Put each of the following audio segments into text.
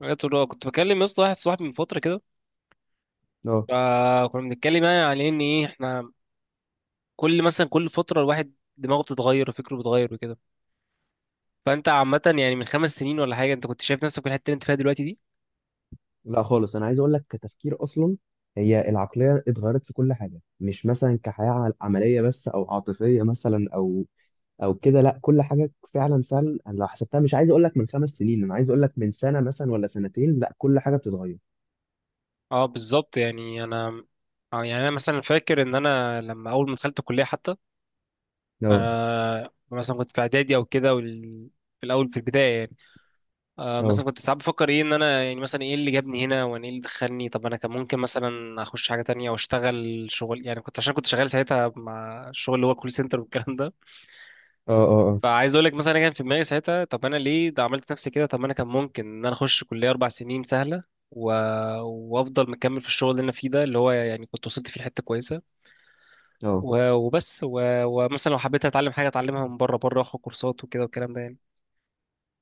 حاجات الرؤى كنت بكلم يا اسطى واحد صاحبي من فتره كده. اه، فكنا بنتكلم يعني على ان ايه احنا كل فتره الواحد دماغه بتتغير وفكره بيتغير وكده. فانت عامه يعني من 5 سنين ولا حاجه انت كنت شايف نفسك في الحته اللي انت فيها دلوقتي دي؟ لا خالص. انا عايز اقول لك كتفكير اصلا هي العقليه اتغيرت في كل حاجه، مش مثلا كحياه عمليه بس او عاطفيه مثلا او كده. لا، كل حاجه فعلا فعلا. أنا لو حسبتها مش عايز اقول لك من 5 سنين، انا عايز اقول لك من سنه مثلا ولا سنتين. لا، كل حاجه بتتغير. اه بالظبط، يعني انا اه يعني انا مثلا فاكر ان انا لما اول ما دخلت الكليه حتى، اه مثلا كنت في اعدادي او كده في الاول في البدايه. اه مثلا كنت ساعات بفكر ايه، ان انا يعني مثلا ايه اللي جابني هنا، وانا ايه اللي دخلني، طب انا كان ممكن مثلا اخش حاجه تانية او اشتغل شغل، يعني كنت عشان كنت شغال ساعتها مع الشغل اللي هو كول سنتر والكلام ده. اه اه اه فعايز اقول لك مثلا انا كان في دماغي ساعتها، طب انا ليه ده عملت نفسي كده؟ طب ما انا كان ممكن ان انا اخش كليه 4 سنين سهله و... وافضل مكمل في الشغل اللي انا فيه ده، اللي هو يعني كنت وصلت فيه لحته كويسه اه. ومثلا لو حبيت اتعلم حاجه اتعلمها من بره بره، واخد كورسات وكده والكلام ده يعني.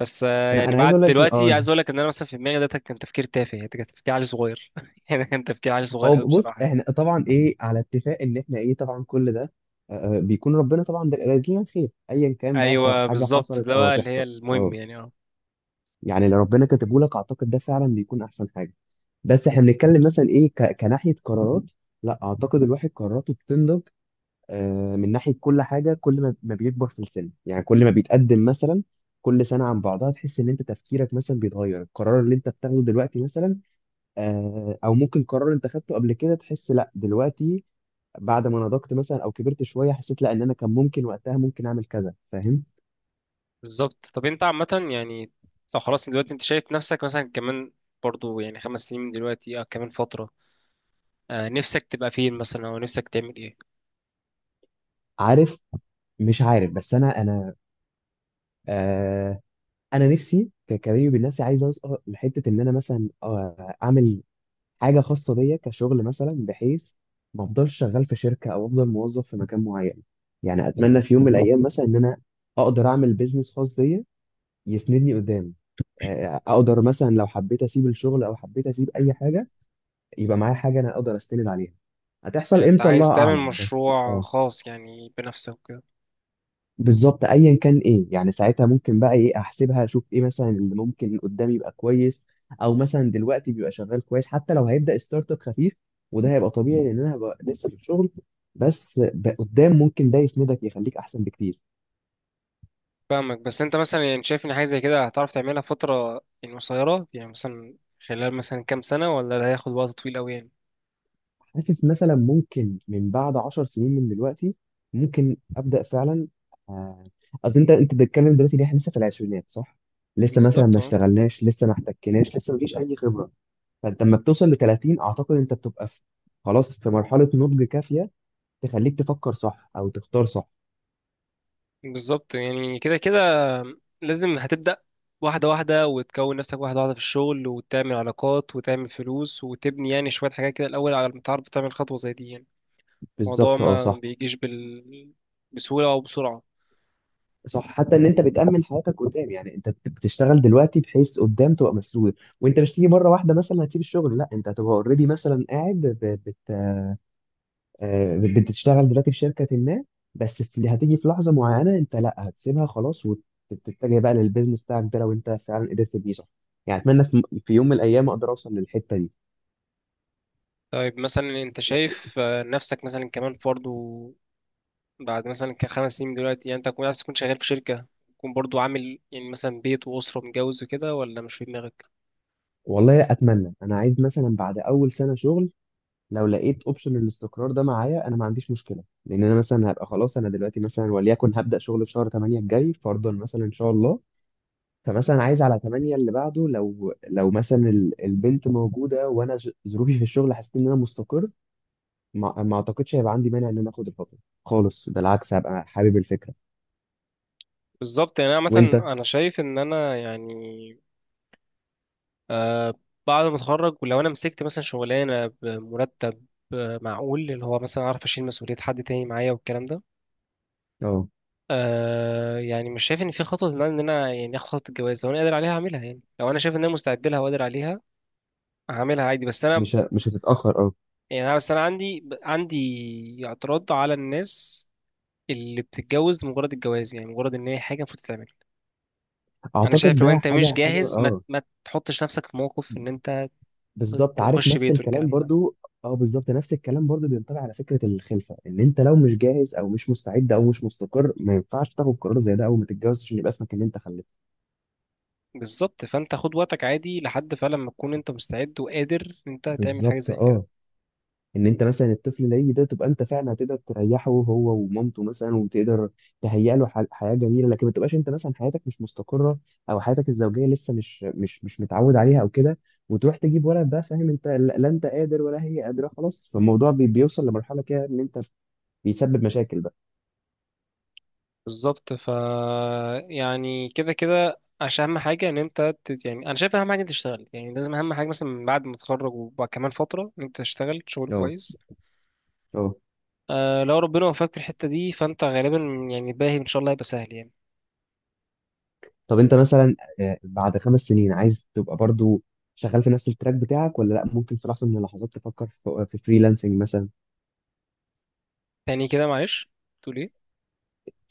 بس انا يعني انا عايز بعد اقول لك دلوقتي عايز اقول لك ان انا مثلا في دماغي ده كان تفكير تافه، ده كان تفكير عيل صغير يعني كان تفكير عيل صغير اه، قوي بص بصراحه يعني. احنا طبعا ايه على اتفاق ان احنا ايه طبعا كل ده. بيكون ربنا طبعا ده لنا خير ايا كان بقى، سواء ايوه حاجه بالظبط، حصلت ده او بقى اللي هي هتحصل. المهم اه، يعني، اه يعني لو ربنا كاتبه لك اعتقد ده فعلا بيكون احسن حاجه. بس احنا بنتكلم مثلا ايه كناحيه قرارات. لا، اعتقد الواحد قراراته بتنضج. من ناحيه كل حاجه، كل ما بيكبر في السن، يعني كل ما بيتقدم مثلا كل سنه عن بعضها تحس ان انت تفكيرك مثلا بيتغير، القرار اللي انت بتاخده دلوقتي مثلا. او ممكن قرار انت خدته قبل كده، تحس لا دلوقتي بعد ما نضجت مثلا او كبرت شويه حسيت لا ان انا كان ممكن وقتها ممكن اعمل كذا، فاهم. بالظبط. طب انت عامه يعني، طب خلاص دلوقتي انت شايف نفسك مثلا كمان برضو، يعني 5 سنين من دلوقتي او كمان فتره، نفسك تبقى فين مثلا او نفسك تعمل ايه؟ عارف، مش عارف، بس انا آه، انا نفسي ككريم بالنفسي عايز اوصل لحته ان انا مثلا اعمل حاجه خاصه بيا كشغل، مثلا بحيث ما افضلش شغال في شركه او افضل موظف في مكان معين. يعني اتمنى في يوم من الايام مثلا ان انا اقدر اعمل بيزنس خاص بيا يسندني قدام. اقدر مثلا لو حبيت اسيب الشغل او حبيت اسيب اي حاجه يبقى معايا حاجه انا اقدر استند عليها. هتحصل يعني انت امتى الله عايز تعمل اعلم، بس مشروع آه. خاص يعني بنفسك. بالظبط ايا كان ايه، يعني ساعتها ممكن بقى ايه احسبها اشوف ايه مثلا اللي ممكن قدامي يبقى كويس، او مثلا دلوقتي بيبقى شغال كويس حتى لو هيبدا ستارت اب خفيف. وده هيبقى طبيعي لان انا هبقى لسه في الشغل، بس قدام ممكن ده يسندك يخليك احسن بكتير. فاهمك، بس انت مثلا يعني شايف ان حاجه زي كده هتعرف تعملها في فتره يعني قصيره، يعني مثلا خلال مثلا كام سنه، ولا ده هياخد وقت طويل قوي يعني؟ حاسس مثلا ممكن من بعد 10 سنين من دلوقتي ممكن ابدا فعلا. آه، اصل انت بتتكلم دلوقتي ان احنا لسه في العشرينات صح، لسه مثلا بالظبط، ما اه اشتغلناش، لسه ما احتكناش، لسه ما فيش اي خبره. فانت لما بتوصل ل 30 اعتقد انت بتبقى في خلاص في مرحله نضج كافيه تخليك تفكر صح او تختار صح. بالظبط. يعني كده كده لازم هتبدا واحده واحده، وتكون نفسك واحده واحده في الشغل، وتعمل علاقات وتعمل فلوس، وتبني يعني شويه حاجات كده الاول على ما تعرف تعمل خطوه زي دي يعني. الموضوع بالظبط اه، ما صح بيجيش بسهوله او بسرعه. صح. حتى ان انت بتامن حياتك قدام، يعني انت بتشتغل دلوقتي بحيث قدام تبقى مسؤول. وانت مش تيجي مره واحده مثلا هتسيب الشغل، لا انت هتبقى اوريدي مثلا قاعد ب- بت... آه، بتشتغل دلوقتي في شركه ما، بس هتيجي في لحظه معينه انت لا هتسيبها خلاص وتتجه بقى للبيزنس بتاعك ده لو انت فعلا قدرت تبنيه صح. يعني اتمنى في يوم من الايام اقدر اوصل للحته طيب مثلا انت دي. شايف، نفسك مثلا كمان فرد، بعد مثلا ك5 سنين من دلوقتي، يعني انت تكون عايز تكون شغال في شركة، تكون برضو عامل يعني مثلا بيت وأسرة متجوز وكده، ولا مش في دماغك؟ والله اتمنى. انا عايز مثلا بعد اول سنه شغل لو لقيت اوبشن الاستقرار ده معايا انا ما عنديش مشكله، لان انا مثلا هبقى خلاص. انا دلوقتي مثلا، وليكن هبدا شغل في شهر 8 الجاي فرضا مثلا ان شاء الله، فمثلا عايز على 8 اللي بعده، لو مثلا البنت موجوده وانا ظروفي في الشغل حسيت ان انا مستقر، ما اعتقدش هيبقى عندي مانع ان انا اخد الخطوه خالص. بالعكس هبقى حابب الفكره. بالظبط، يعني انا عامة وانت. انا شايف ان انا يعني، آه بعد ما اتخرج، ولو انا مسكت مثلا شغلانة بمرتب معقول، اللي هو مثلا اعرف اشيل مسؤولية حد تاني معايا والكلام ده، اه يعني مش شايف ان في خطوة، ان انا إن أنا يعني اخد خطوة الجواز. لو انا قادر عليها هعملها، يعني لو انا شايف ان انا مستعد لها وقادر عليها هعملها عادي. بس انا مش هتتاخر اه. يعني بس انا عندي اعتراض على الناس اللي بتتجوز لمجرد الجواز، يعني مجرد ان هي حاجه المفروض تتعمل. انا اعتقد شايف لو ده انت مش حاجه حاجه جاهز ما اه. ما تحطش نفسك في موقف ان انت بالظبط عارف تخش نفس بيت الكلام والكلام ده. برضو. اه، بالظبط نفس الكلام برضو بينطبق على فكره الخلفه، ان انت لو مش جاهز او مش مستعد او مش مستقر ما ينفعش تاخد قرار زي ده اول ما تتجوز عشان يبقى اسمك ان انت خلفت. بالظبط، فانت خد وقتك عادي لحد فعلا ما تكون انت مستعد وقادر ان انت تعمل حاجه بالظبط زي كده. اه. ان انت مثلا الطفل اللي هيجي ده تبقى انت فعلا هتقدر تريحه هو ومامته مثلا وتقدر تهيئ له حياه جميله، لكن ما تبقاش انت مثلا حياتك مش مستقره او حياتك الزوجيه لسه مش متعود عليها او كده وتروح تجيب ولد بقى فاهم انت، لا لا، انت قادر ولا هي قادره، خلاص فالموضوع بيوصل لمرحله كده ان انت بيسبب مشاكل بقى. بالظبط ف، يعني كده كده عشان اهم حاجه ان انت يعني انا شايف اهم حاجه انت تشتغل، يعني لازم اهم حاجه مثلا من بعد ما تتخرج وبعد كمان فتره ان انت تشتغل شغل اه كويس. اه. لو ربنا وفقك في الحته دي فانت غالبا، يعني الباقي ان شاء الله هيبقى سهل يعني. طب انت مثلا بعد 5 سنين عايز تبقى برضو شغال في نفس التراك بتاعك، ولا لا ممكن في لحظة من اللحظات تفكر في فريلانسنج مثلا. تاني كده معلش، تقول ايه؟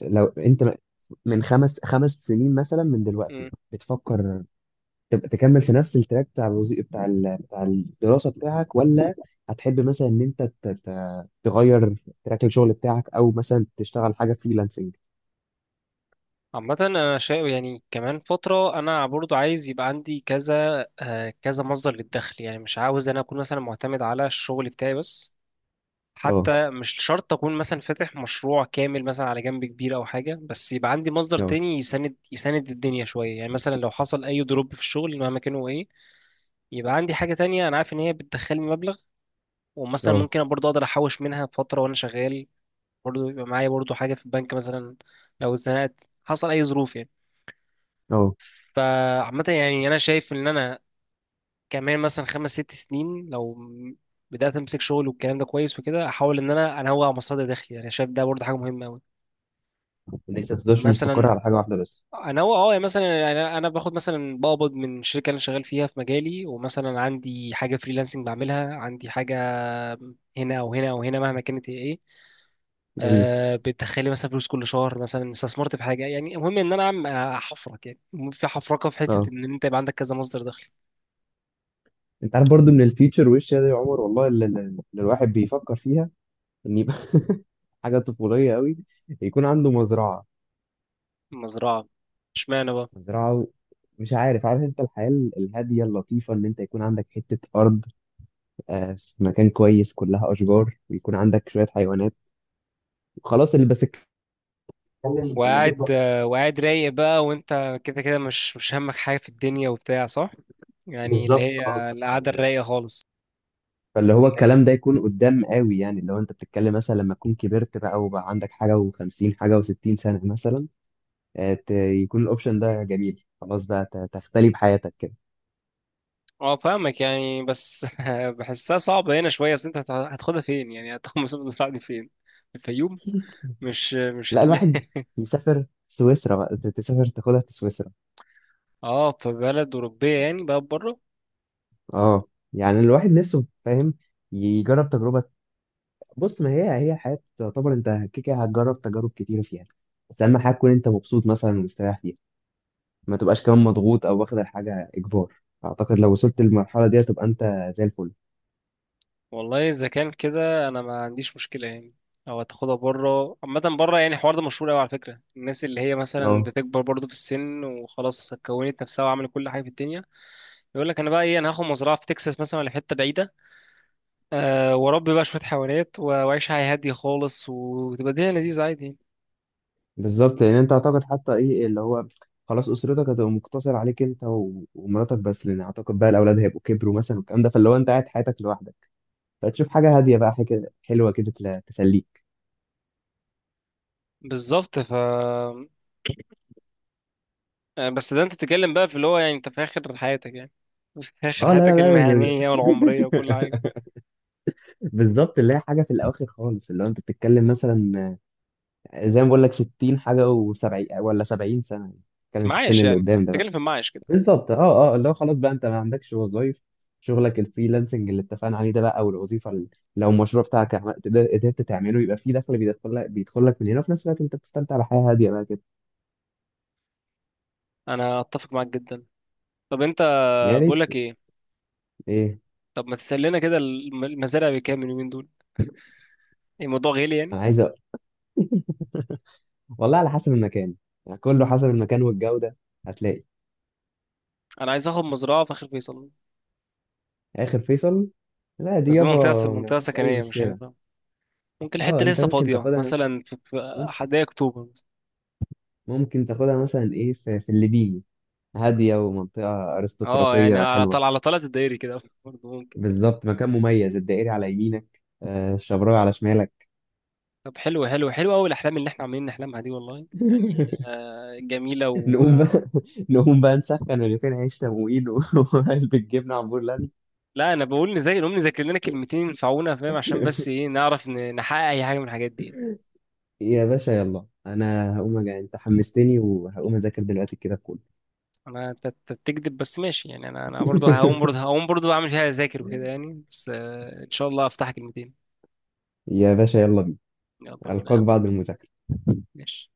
لو انت من خمس سنين مثلا من مم. دلوقتي بتفكر تبقى تكمل في نفس التراك بتاع الوظيفة بتاع بتاع الدراسة بتاعك، ولا هتحب مثلا ان انت تغير تراك الشغل بتاعك، او مثلا تشتغل حاجة فريلانسنج. عامة انا شايف يعني كمان فترة انا برضو عايز يبقى عندي كذا، كذا مصدر للدخل، يعني مش عاوز انا اكون مثلا معتمد على الشغل بتاعي بس. اه حتى مش شرط اكون مثلا فاتح مشروع كامل مثلا على جنب كبير او حاجة، بس يبقى عندي مصدر اه تاني يساند يساند الدنيا شوية يعني. مثلا لو حصل اي دروب في الشغل مهما كان هو ايه، يبقى عندي حاجة تانية انا عارف ان هي بتدخلني مبلغ، ومثلا اه ممكن برضو اقدر احوش منها فترة وانا شغال، برضه يبقى معايا برضه حاجة في البنك مثلا لو اتزنقت حصل أي ظروف يعني. اه، فعامة يعني أنا شايف إن أنا كمان مثلا 5 6 سنين، بدأت أمسك شغل والكلام ده كويس وكده، أحاول إن أنا أنوع مصادر دخلي، يعني شايف ده برضه حاجة مهمة أوي. ان انت تفضلش مستقر مثلا على حاجة واحدة بس. أنوع، أه يعني مثلا أنا باخد مثلا بقبض من الشركة اللي أنا شغال فيها في مجالي، ومثلا عندي حاجة فريلانسنج بعملها، عندي حاجة هنا أو هنا أو هنا مهما كانت هي إيه، جميل بتدخلي مثلا فلوس كل شهر، مثلا استثمرت في حاجه يعني. المهم ان انا عم احفرك يعني، المهم في حفرقه في حته اه. ان انت يبقى عندك كذا مصدر دخل. انت عارف برضو من الفيتشر وش يا عمر والله اللي الواحد بيفكر فيها ان يبقى حاجه طفوليه قوي، يكون عنده مزرعه. مزرعه! اشمعنى بقى؟ مزرعه مش عارف، عارف انت الحياه الهاديه اللطيفه، ان انت يكون عندك حته ارض في مكان كويس كلها اشجار ويكون عندك شويه حيوانات وخلاص اللي بس بتتكلم لما تكبر. وقاعد، وقاعد رايق بقى، وانت كده كده مش مش همك حاجه في الدنيا وبتاع، صح؟ يعني اللي بالظبط هي اه. القعده الرايقه خالص. فاللي هو إيه؟ الكلام ده يكون قدام قوي، يعني اللي هو انت بتتكلم مثلا لما تكون كبرت بقى وبقى عندك حاجه و50 حاجه و60 سنه مثلا. يكون الاوبشن ده جميل، خلاص بقى تختلي بحياتك كده. اه فاهمك يعني، بس بحسها صعبه هنا شويه. اصل انت هتاخدها فين يعني؟ هتاخد مثلا المزرعه دي فين؟ الفيوم؟ مش مش لا، الواحد هتلاقي. يسافر سويسرا بقى تسافر تاخدها في سويسرا. اه في بلد اوروبيه يعني بقى بره. اه، يعني الواحد نفسه فاهم يجرب تجربة. بص، ما هي الحياة تعتبر انت كده كده هتجرب تجارب كتيرة فيها، بس اهم حاجة تكون انت مبسوط مثلا ومستريح فيها ما تبقاش كمان مضغوط او واخد الحاجة اجبار. اعتقد لو وصلت للمرحلة دي هتبقى انت زي الفل. والله اذا كان كده انا ما عنديش مشكله يعني. او هتاخدها بره، عامه بره. يعني الحوار ده مشهور قوي على فكره، الناس اللي هي مثلا اه، بتكبر برضو في السن وخلاص كونت نفسها وعملت كل حاجه في الدنيا، يقول لك انا بقى ايه، انا هاخد مزرعه في تكساس مثلا ولا في حته بعيده، أه واربي بقى شويه حيوانات واعيش حياه هاديه خالص، وتبقى الدنيا لذيذه عادي يعني. بالظبط لان انت اعتقد حتى ايه اللي هو خلاص، اسرتك هتبقى مقتصر عليك انت ومراتك بس لان اعتقد بقى الاولاد هيبقوا كبروا مثلا والكلام ده. فاللي هو انت قاعد حياتك لوحدك فتشوف حاجه هاديه بقى، حاجه حلوه كده تسليك. بالظبط ف، بس ده انت بتتكلم بقى في اللي هو يعني انت في اخر حياتك يعني، في اخر اه، لا لا حياتك لا المهنيه والعمريه وكل حاجه. بالظبط اللي هي حاجه في الاواخر خالص، اللي هو انت بتتكلم مثلا زي ما بقول لك 60 حاجه و70 ولا 70 سنه، بتتكلم في السن معايش اللي يعني، قدام ده. بتتكلم في المعايش كده. بالظبط اه اه. اللي هو خلاص بقى انت ما عندكش وظايف، شغلك الفريلانسنج اللي اتفقنا عليه ده بقى او الوظيفه اللي لو المشروع بتاعك قدرت تعمله يبقى في دخل بيدخل لك من هنا وفي نفس الوقت انت بتستمتع بحياه هاديه بقى كده. انا اتفق معاك جدا. طب انت، يا بقول ريت. لك ايه، ايه، طب ما تسال لنا كده المزارع بكام اليومين دول؟ يعني الموضوع غالي يعني؟ انا عايز والله على حسب المكان، يعني كله حسب المكان والجوده. هتلاقي. انا عايز اخد مزرعه في اخر فيصل. اخر فيصل. لا دي بس دي يابا، منطقه ما منطقه فيهاش اي سكنيه مش مشكله. هينفع. ممكن اه الحته انت لسه ممكن فاضيه تاخدها، مثلا في ممكن حدائق اكتوبر مثلا. ممكن تاخدها مثلا ايه في الليبيني، هاديه ومنطقه اه يعني ارستقراطيه على حلوه. طلع على طلعة الدائري كده، برضه ممكن. بالظبط مكان مميز، الدائري على يمينك، الشبراوي على شمالك. طب حلو حلو حلو قوي الاحلام اللي احنا عاملين نحلمها دي والله يعني. جميله نقوم بقى نقوم بقى نسخن رغيفين عيش تموين وعلبة جبنة عمبور لاند. لا انا بقول نذاكر، نقوم نذاكر لنا كلمتين ينفعونا فاهم، عشان بس ايه نعرف نحقق اي حاجه من الحاجات دي يعني. يا باشا، يلا انا هقوم انت حمستني وهقوم اذاكر دلوقتي كده كله. انا، انت أنت بتكذب بس ماشي يعني. انا، انا برضه هقوم برضه هقوم برضه اعمل فيها اذاكر وكده يعني، بس ان شاء الله افتح كلمتين. يا باشا يلا بينا. يلا بينا يا القاك عم. بعد المذاكرة. ماشي.